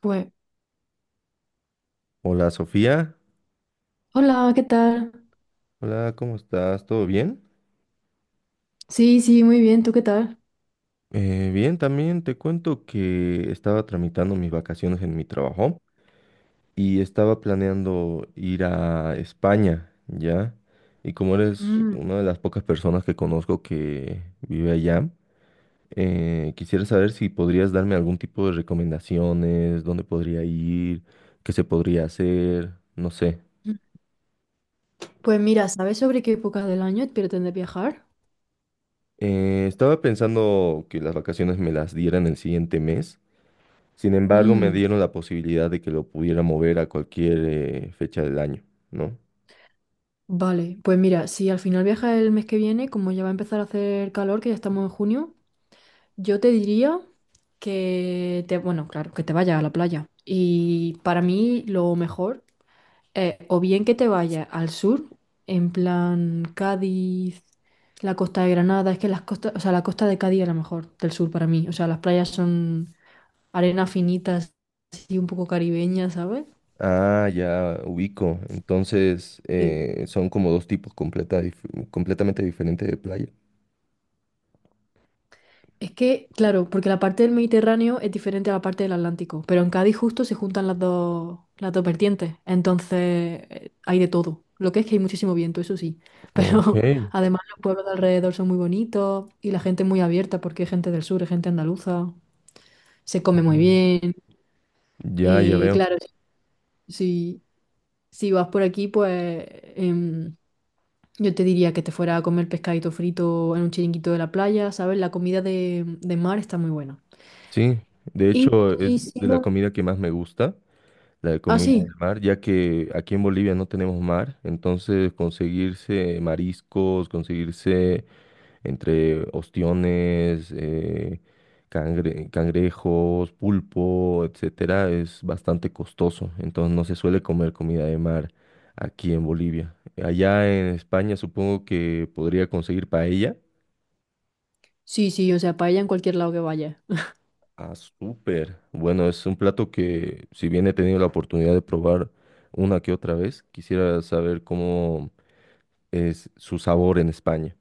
Pues, Hola Sofía, hola, ¿qué tal? hola, ¿cómo estás? ¿Todo bien? Sí, sí, muy bien, ¿tú qué tal? Bien, también te cuento que estaba tramitando mis vacaciones en mi trabajo y estaba planeando ir a España, ¿ya? Y como eres Mm. una de las pocas personas que conozco que vive allá, quisiera saber si podrías darme algún tipo de recomendaciones, dónde podría ir, qué se podría hacer, no sé. Pues mira, ¿sabes sobre qué época del año pretendes viajar? Estaba pensando que las vacaciones me las dieran el siguiente mes. Sin embargo, me Mm. dieron la posibilidad de que lo pudiera mover a cualquier fecha del año, ¿no? Vale, pues mira, si al final viajas el mes que viene, como ya va a empezar a hacer calor, que ya estamos en junio, yo te diría bueno, claro, que te vayas a la playa. Y para mí lo mejor o bien que te vayas al sur, en plan Cádiz, la costa de Granada, es que las costas, o sea, la costa de Cádiz es la mejor del sur para mí. O sea, las playas son arena finitas, así un poco caribeña, ¿sabes? Ah, ya ubico. Entonces, Sí. Son como dos tipos completamente diferentes de playa. Es que, claro, porque la parte del Mediterráneo es diferente a la parte del Atlántico, pero en Cádiz justo se juntan las dos vertientes, entonces hay de todo. Lo que es que hay muchísimo viento, eso sí, Ok. pero además los pueblos de alrededor son muy bonitos y la gente es muy abierta porque es gente del sur, es gente andaluza, se come muy Mm. bien. Ya, ya veo. Claro, si, si vas por aquí, pues em, yo te diría que te fuera a comer pescadito frito en un chiringuito de la playa, ¿sabes? La comida de mar está muy buena. Sí, de Y, hecho y es si de la no. comida que más me gusta, la de Ah, comida del sí. mar, ya que aquí en Bolivia no tenemos mar, entonces conseguirse mariscos, conseguirse entre ostiones, cangrejos, pulpo, etcétera, es bastante costoso. Entonces no se suele comer comida de mar aquí en Bolivia. Allá en España supongo que podría conseguir paella. Sí, sí, o sea, paella en cualquier lado que vayas. Ah, súper. Bueno, es un plato que si bien he tenido la oportunidad de probar una que otra vez, quisiera saber cómo es su sabor en España.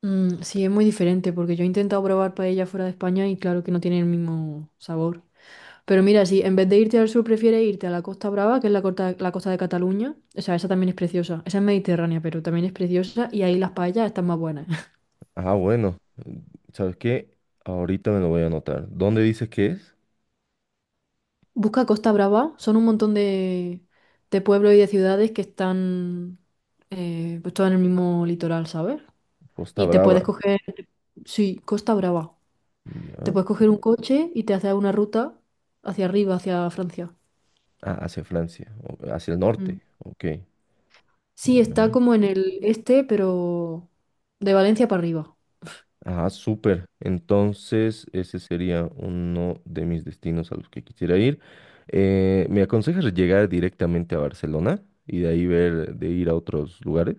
Mm, sí, es muy diferente porque yo he intentado probar paella fuera de España y claro que no tiene el mismo sabor. Pero mira, si en vez de irte al sur prefieres irte a la Costa Brava, que es la costa de Cataluña, o sea, esa también es preciosa. Esa es mediterránea, pero también es preciosa y ahí las paellas están más buenas. Ah, bueno. ¿Sabes qué? Ahorita me lo voy a anotar. ¿Dónde dices que es? Busca Costa Brava, son un montón de pueblos y de ciudades que están pues todas en el mismo litoral, ¿sabes? Costa Y te Brava. puedes coger, sí, Costa Brava. Te Ya. puedes coger un coche y te haces una ruta hacia arriba, hacia Francia. Ah, hacia Francia, hacia el Mm. norte. Ok. Sí, está Ya. como en el este, pero de Valencia para arriba. Ajá, súper. Entonces, ese sería uno de mis destinos a los que quisiera ir. ¿Me aconsejas llegar directamente a Barcelona y de ahí ver, de ir a otros lugares?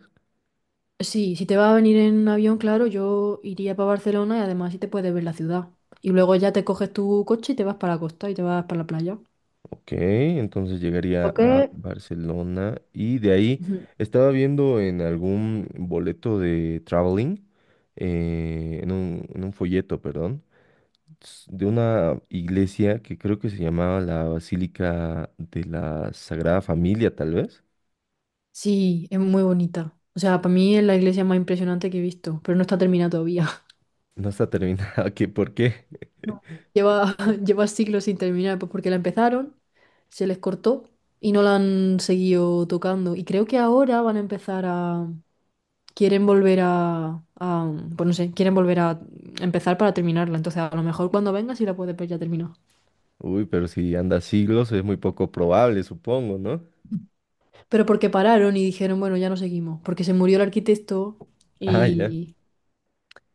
Sí, si te va a venir en avión, claro, yo iría para Barcelona y además sí te puedes ver la ciudad. Y luego ya te coges tu coche y te vas para la costa y te vas para la playa. Ok, entonces llegaría Ok. a Barcelona y de ahí Ujú. estaba viendo en algún boleto de traveling, en un folleto, perdón de una iglesia que creo que se llamaba la Basílica de la Sagrada Familia, tal vez. Sí, es muy bonita. O sea, para mí es la iglesia más impresionante que he visto, pero no está terminada todavía. No está terminada, ¿qué por qué? No. Lleva, lleva siglos sin terminar, pues porque la empezaron, se les cortó y no la han seguido tocando. Y creo que ahora van a empezar a, quieren volver a, pues no sé, quieren volver a empezar para terminarla. Entonces, a lo mejor cuando venga sí la puedes ver ya terminada. Uy, pero si anda siglos es muy poco probable, supongo, ¿no? Pero porque pararon y dijeron, bueno, ya no seguimos, porque se murió el arquitecto Ah, ya. y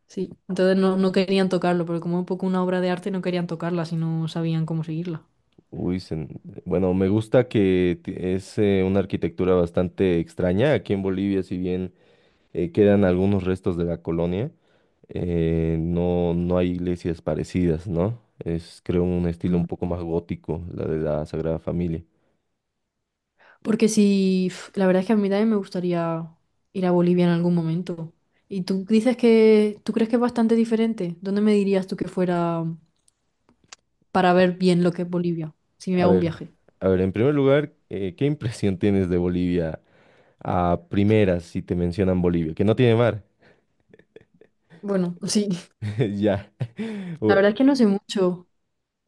sí, entonces no, no querían tocarlo, porque como es un poco una obra de arte no querían tocarla si no sabían cómo seguirla. Uy, se- bueno, me gusta es una arquitectura bastante extraña. Aquí en Bolivia, si bien quedan algunos restos de la colonia, no, no hay iglesias parecidas, ¿no? Es, creo, un estilo Mm. un poco más gótico, la de la Sagrada Familia. Porque si La verdad es que a mí también me gustaría ir a Bolivia en algún momento. ¿Tú crees que es bastante diferente? ¿Dónde me dirías tú que fuera para ver bien lo que es Bolivia, si me A hago un ver, viaje? a ver, en primer lugar, ¿qué impresión tienes de Bolivia a primeras si te mencionan Bolivia? Que no tiene mar. Bueno, sí, Ya. la O- verdad es que no sé mucho.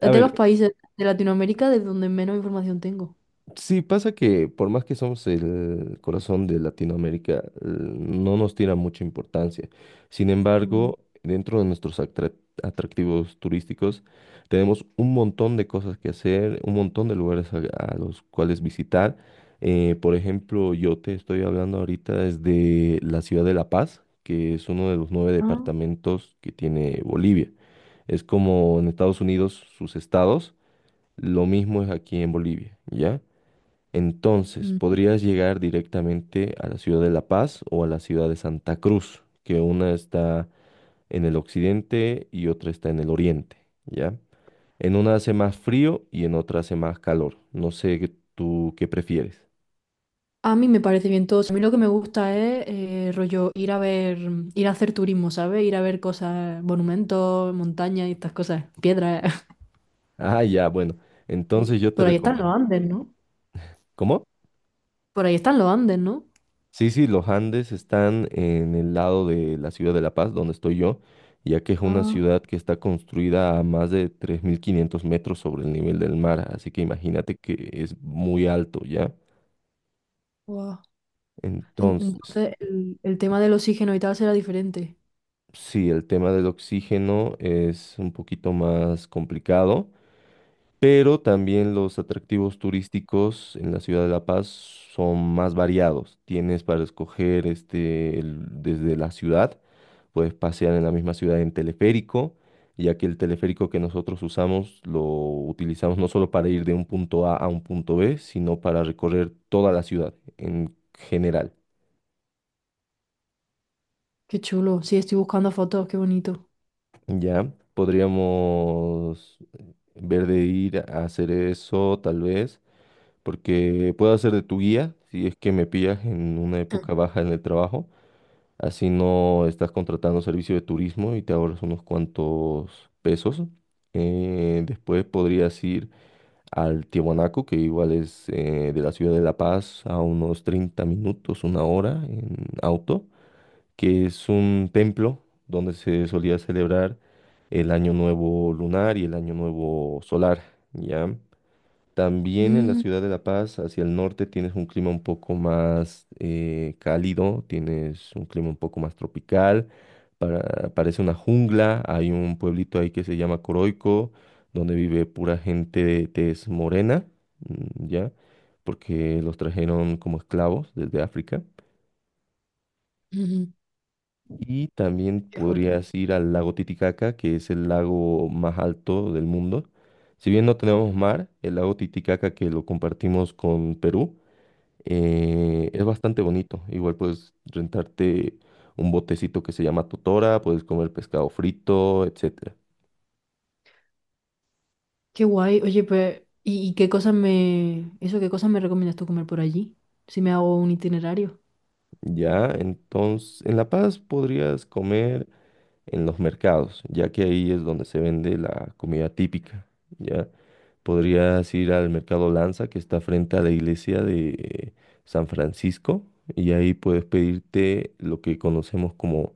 A de los ver, países de Latinoamérica de donde menos información tengo. sí, pasa que por más que somos el corazón de Latinoamérica, no nos tira mucha importancia. Sin Mm. embargo, dentro de nuestros atractivos turísticos, tenemos un montón de cosas que hacer, un montón de lugares a los cuales visitar. Por ejemplo, yo te estoy hablando ahorita desde la ciudad de La Paz, que es uno de los 9 Ah. departamentos que tiene Bolivia. Es como en Estados Unidos sus estados, lo mismo es aquí en Bolivia, ¿ya? Entonces, Mm. podrías llegar directamente a la ciudad de La Paz o a la ciudad de Santa Cruz, que una está en el occidente y otra está en el oriente, ¿ya? En una hace más frío y en otra hace más calor. No sé tú qué prefieres. A mí me parece bien todo. A mí lo que me gusta es rollo ir a hacer turismo, ¿sabes? Ir a ver cosas, monumentos, montañas y estas cosas, piedras. Ah, ya, bueno. Y Entonces yo te por ahí están recomiendo. los Andes, ¿no? ¿Cómo? Por ahí están los Andes, ¿no? Sí, sí, los Andes están en el lado de la ciudad de La Paz, donde estoy yo, ya que es una Ah, ciudad que está construida a más de 3.500 metros sobre el nivel del mar, así que imagínate que es muy alto, ¿ya? guau. En- Entonces, Entonces el tema del oxígeno y tal será diferente. sí, el tema del oxígeno es un poquito más complicado, pero también los atractivos turísticos en la ciudad de La Paz son más variados. Tienes para escoger este, desde la ciudad. Puedes pasear en la misma ciudad en teleférico, ya que el teleférico que nosotros usamos lo utilizamos no solo para ir de un punto A a un punto B, sino para recorrer toda la ciudad en general, Qué chulo. Sí, estoy buscando fotos, qué bonito. ¿ya? Podríamos ver de ir a hacer eso, tal vez, porque puedo hacer de tu guía si es que me pillas en una época baja en el trabajo. Así no estás contratando servicio de turismo y te ahorras unos cuantos pesos. Después podrías ir al Tiahuanaco, que igual es de la ciudad de La Paz a unos 30 minutos, una hora en auto, que es un templo donde se solía celebrar el Año Nuevo lunar y el Año Nuevo solar, ¿ya? También en la Mm, ciudad de La Paz, hacia el norte, tienes un clima un poco más cálido, tienes un clima un poco más tropical, parece una jungla, hay un pueblito ahí que se llama Coroico, donde vive pura gente de tez morena, mm, ¿ya? Porque los trajeron como esclavos desde África. ujú. Y también Qué fuerte. podrías ir al lago Titicaca, que es el lago más alto del mundo. Si bien no tenemos mar, el lago Titicaca que lo compartimos con Perú, es bastante bonito. Igual puedes rentarte un botecito que se llama totora, puedes comer pescado frito, etcétera. Qué guay. Oye, pues, ¿Qué cosas me recomiendas tú comer por allí? Si me hago un itinerario. Ya, entonces, en La Paz podrías comer en los mercados, ya que ahí es donde se vende la comida típica. Ya, podrías ir al mercado Lanza, que está frente a la iglesia de San Francisco, y ahí puedes pedirte lo que conocemos como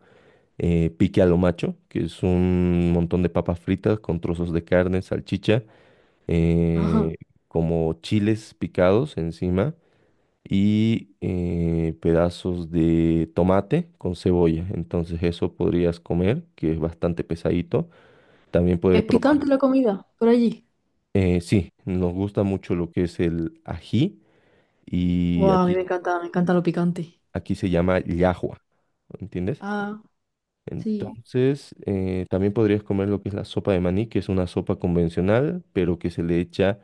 pique a lo macho, que es un montón de papas fritas con trozos de carne, salchicha, Ajá. eh, como chiles picados encima y pedazos de tomate con cebolla. Entonces eso podrías comer, que es bastante pesadito. También puedes ¿Es probar. picante la comida por allí? Sí, nos gusta mucho lo que es el ají y Guau, a mí me encanta lo picante. aquí se llama llajua, ¿entiendes? Ah, sí. Entonces, también podrías comer lo que es la sopa de maní, que es una sopa convencional, pero que se le echa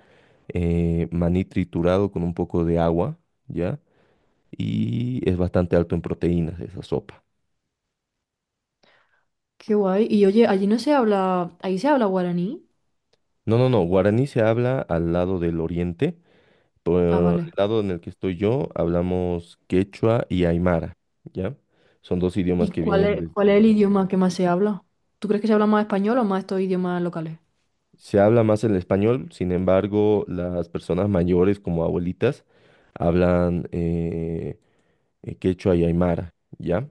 maní triturado con un poco de agua, ¿ya? Mm. Y es bastante alto en proteínas esa sopa. Qué guay. Y oye, allí no se habla... ¿ahí se habla guaraní? No, no, no, guaraní se habla al lado del oriente. Por Ah, el vale. lado en el que estoy yo, hablamos quechua y aymara, ¿ya? Son dos ¿Y idiomas que cuál vienen es, cuál es el desde... idioma que más se habla? ¿Tú crees que se habla más español o más estos idiomas locales? Se habla más el español, sin embargo, las personas mayores como abuelitas hablan quechua y aymara, ¿ya?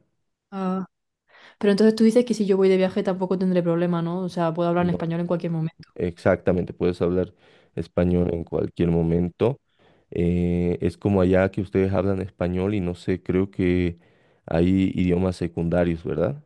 Pero entonces tú dices que si yo voy de viaje tampoco tendré problema, ¿no? O sea, puedo hablar en No, español en cualquier momento. exactamente, puedes hablar español en cualquier momento. Es como allá que ustedes hablan español y no sé, creo que hay idiomas secundarios, ¿verdad?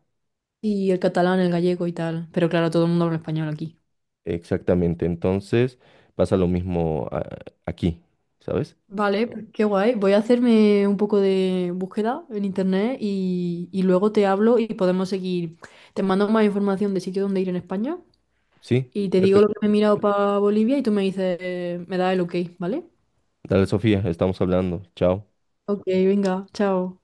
Y el catalán, el gallego y tal. Pero claro, todo el mundo habla español aquí. Exactamente, entonces pasa lo mismo aquí, ¿sabes? Vale, pues qué guay. Voy a hacerme un poco de búsqueda en internet y luego te hablo y podemos seguir. Te mando más información de sitio donde ir en España Sí, y te digo lo que perfecto. me he mirado para Bolivia y tú me dices, me das el ok, ¿vale? Dale, Sofía, estamos hablando. Chao. Ok, venga, chao.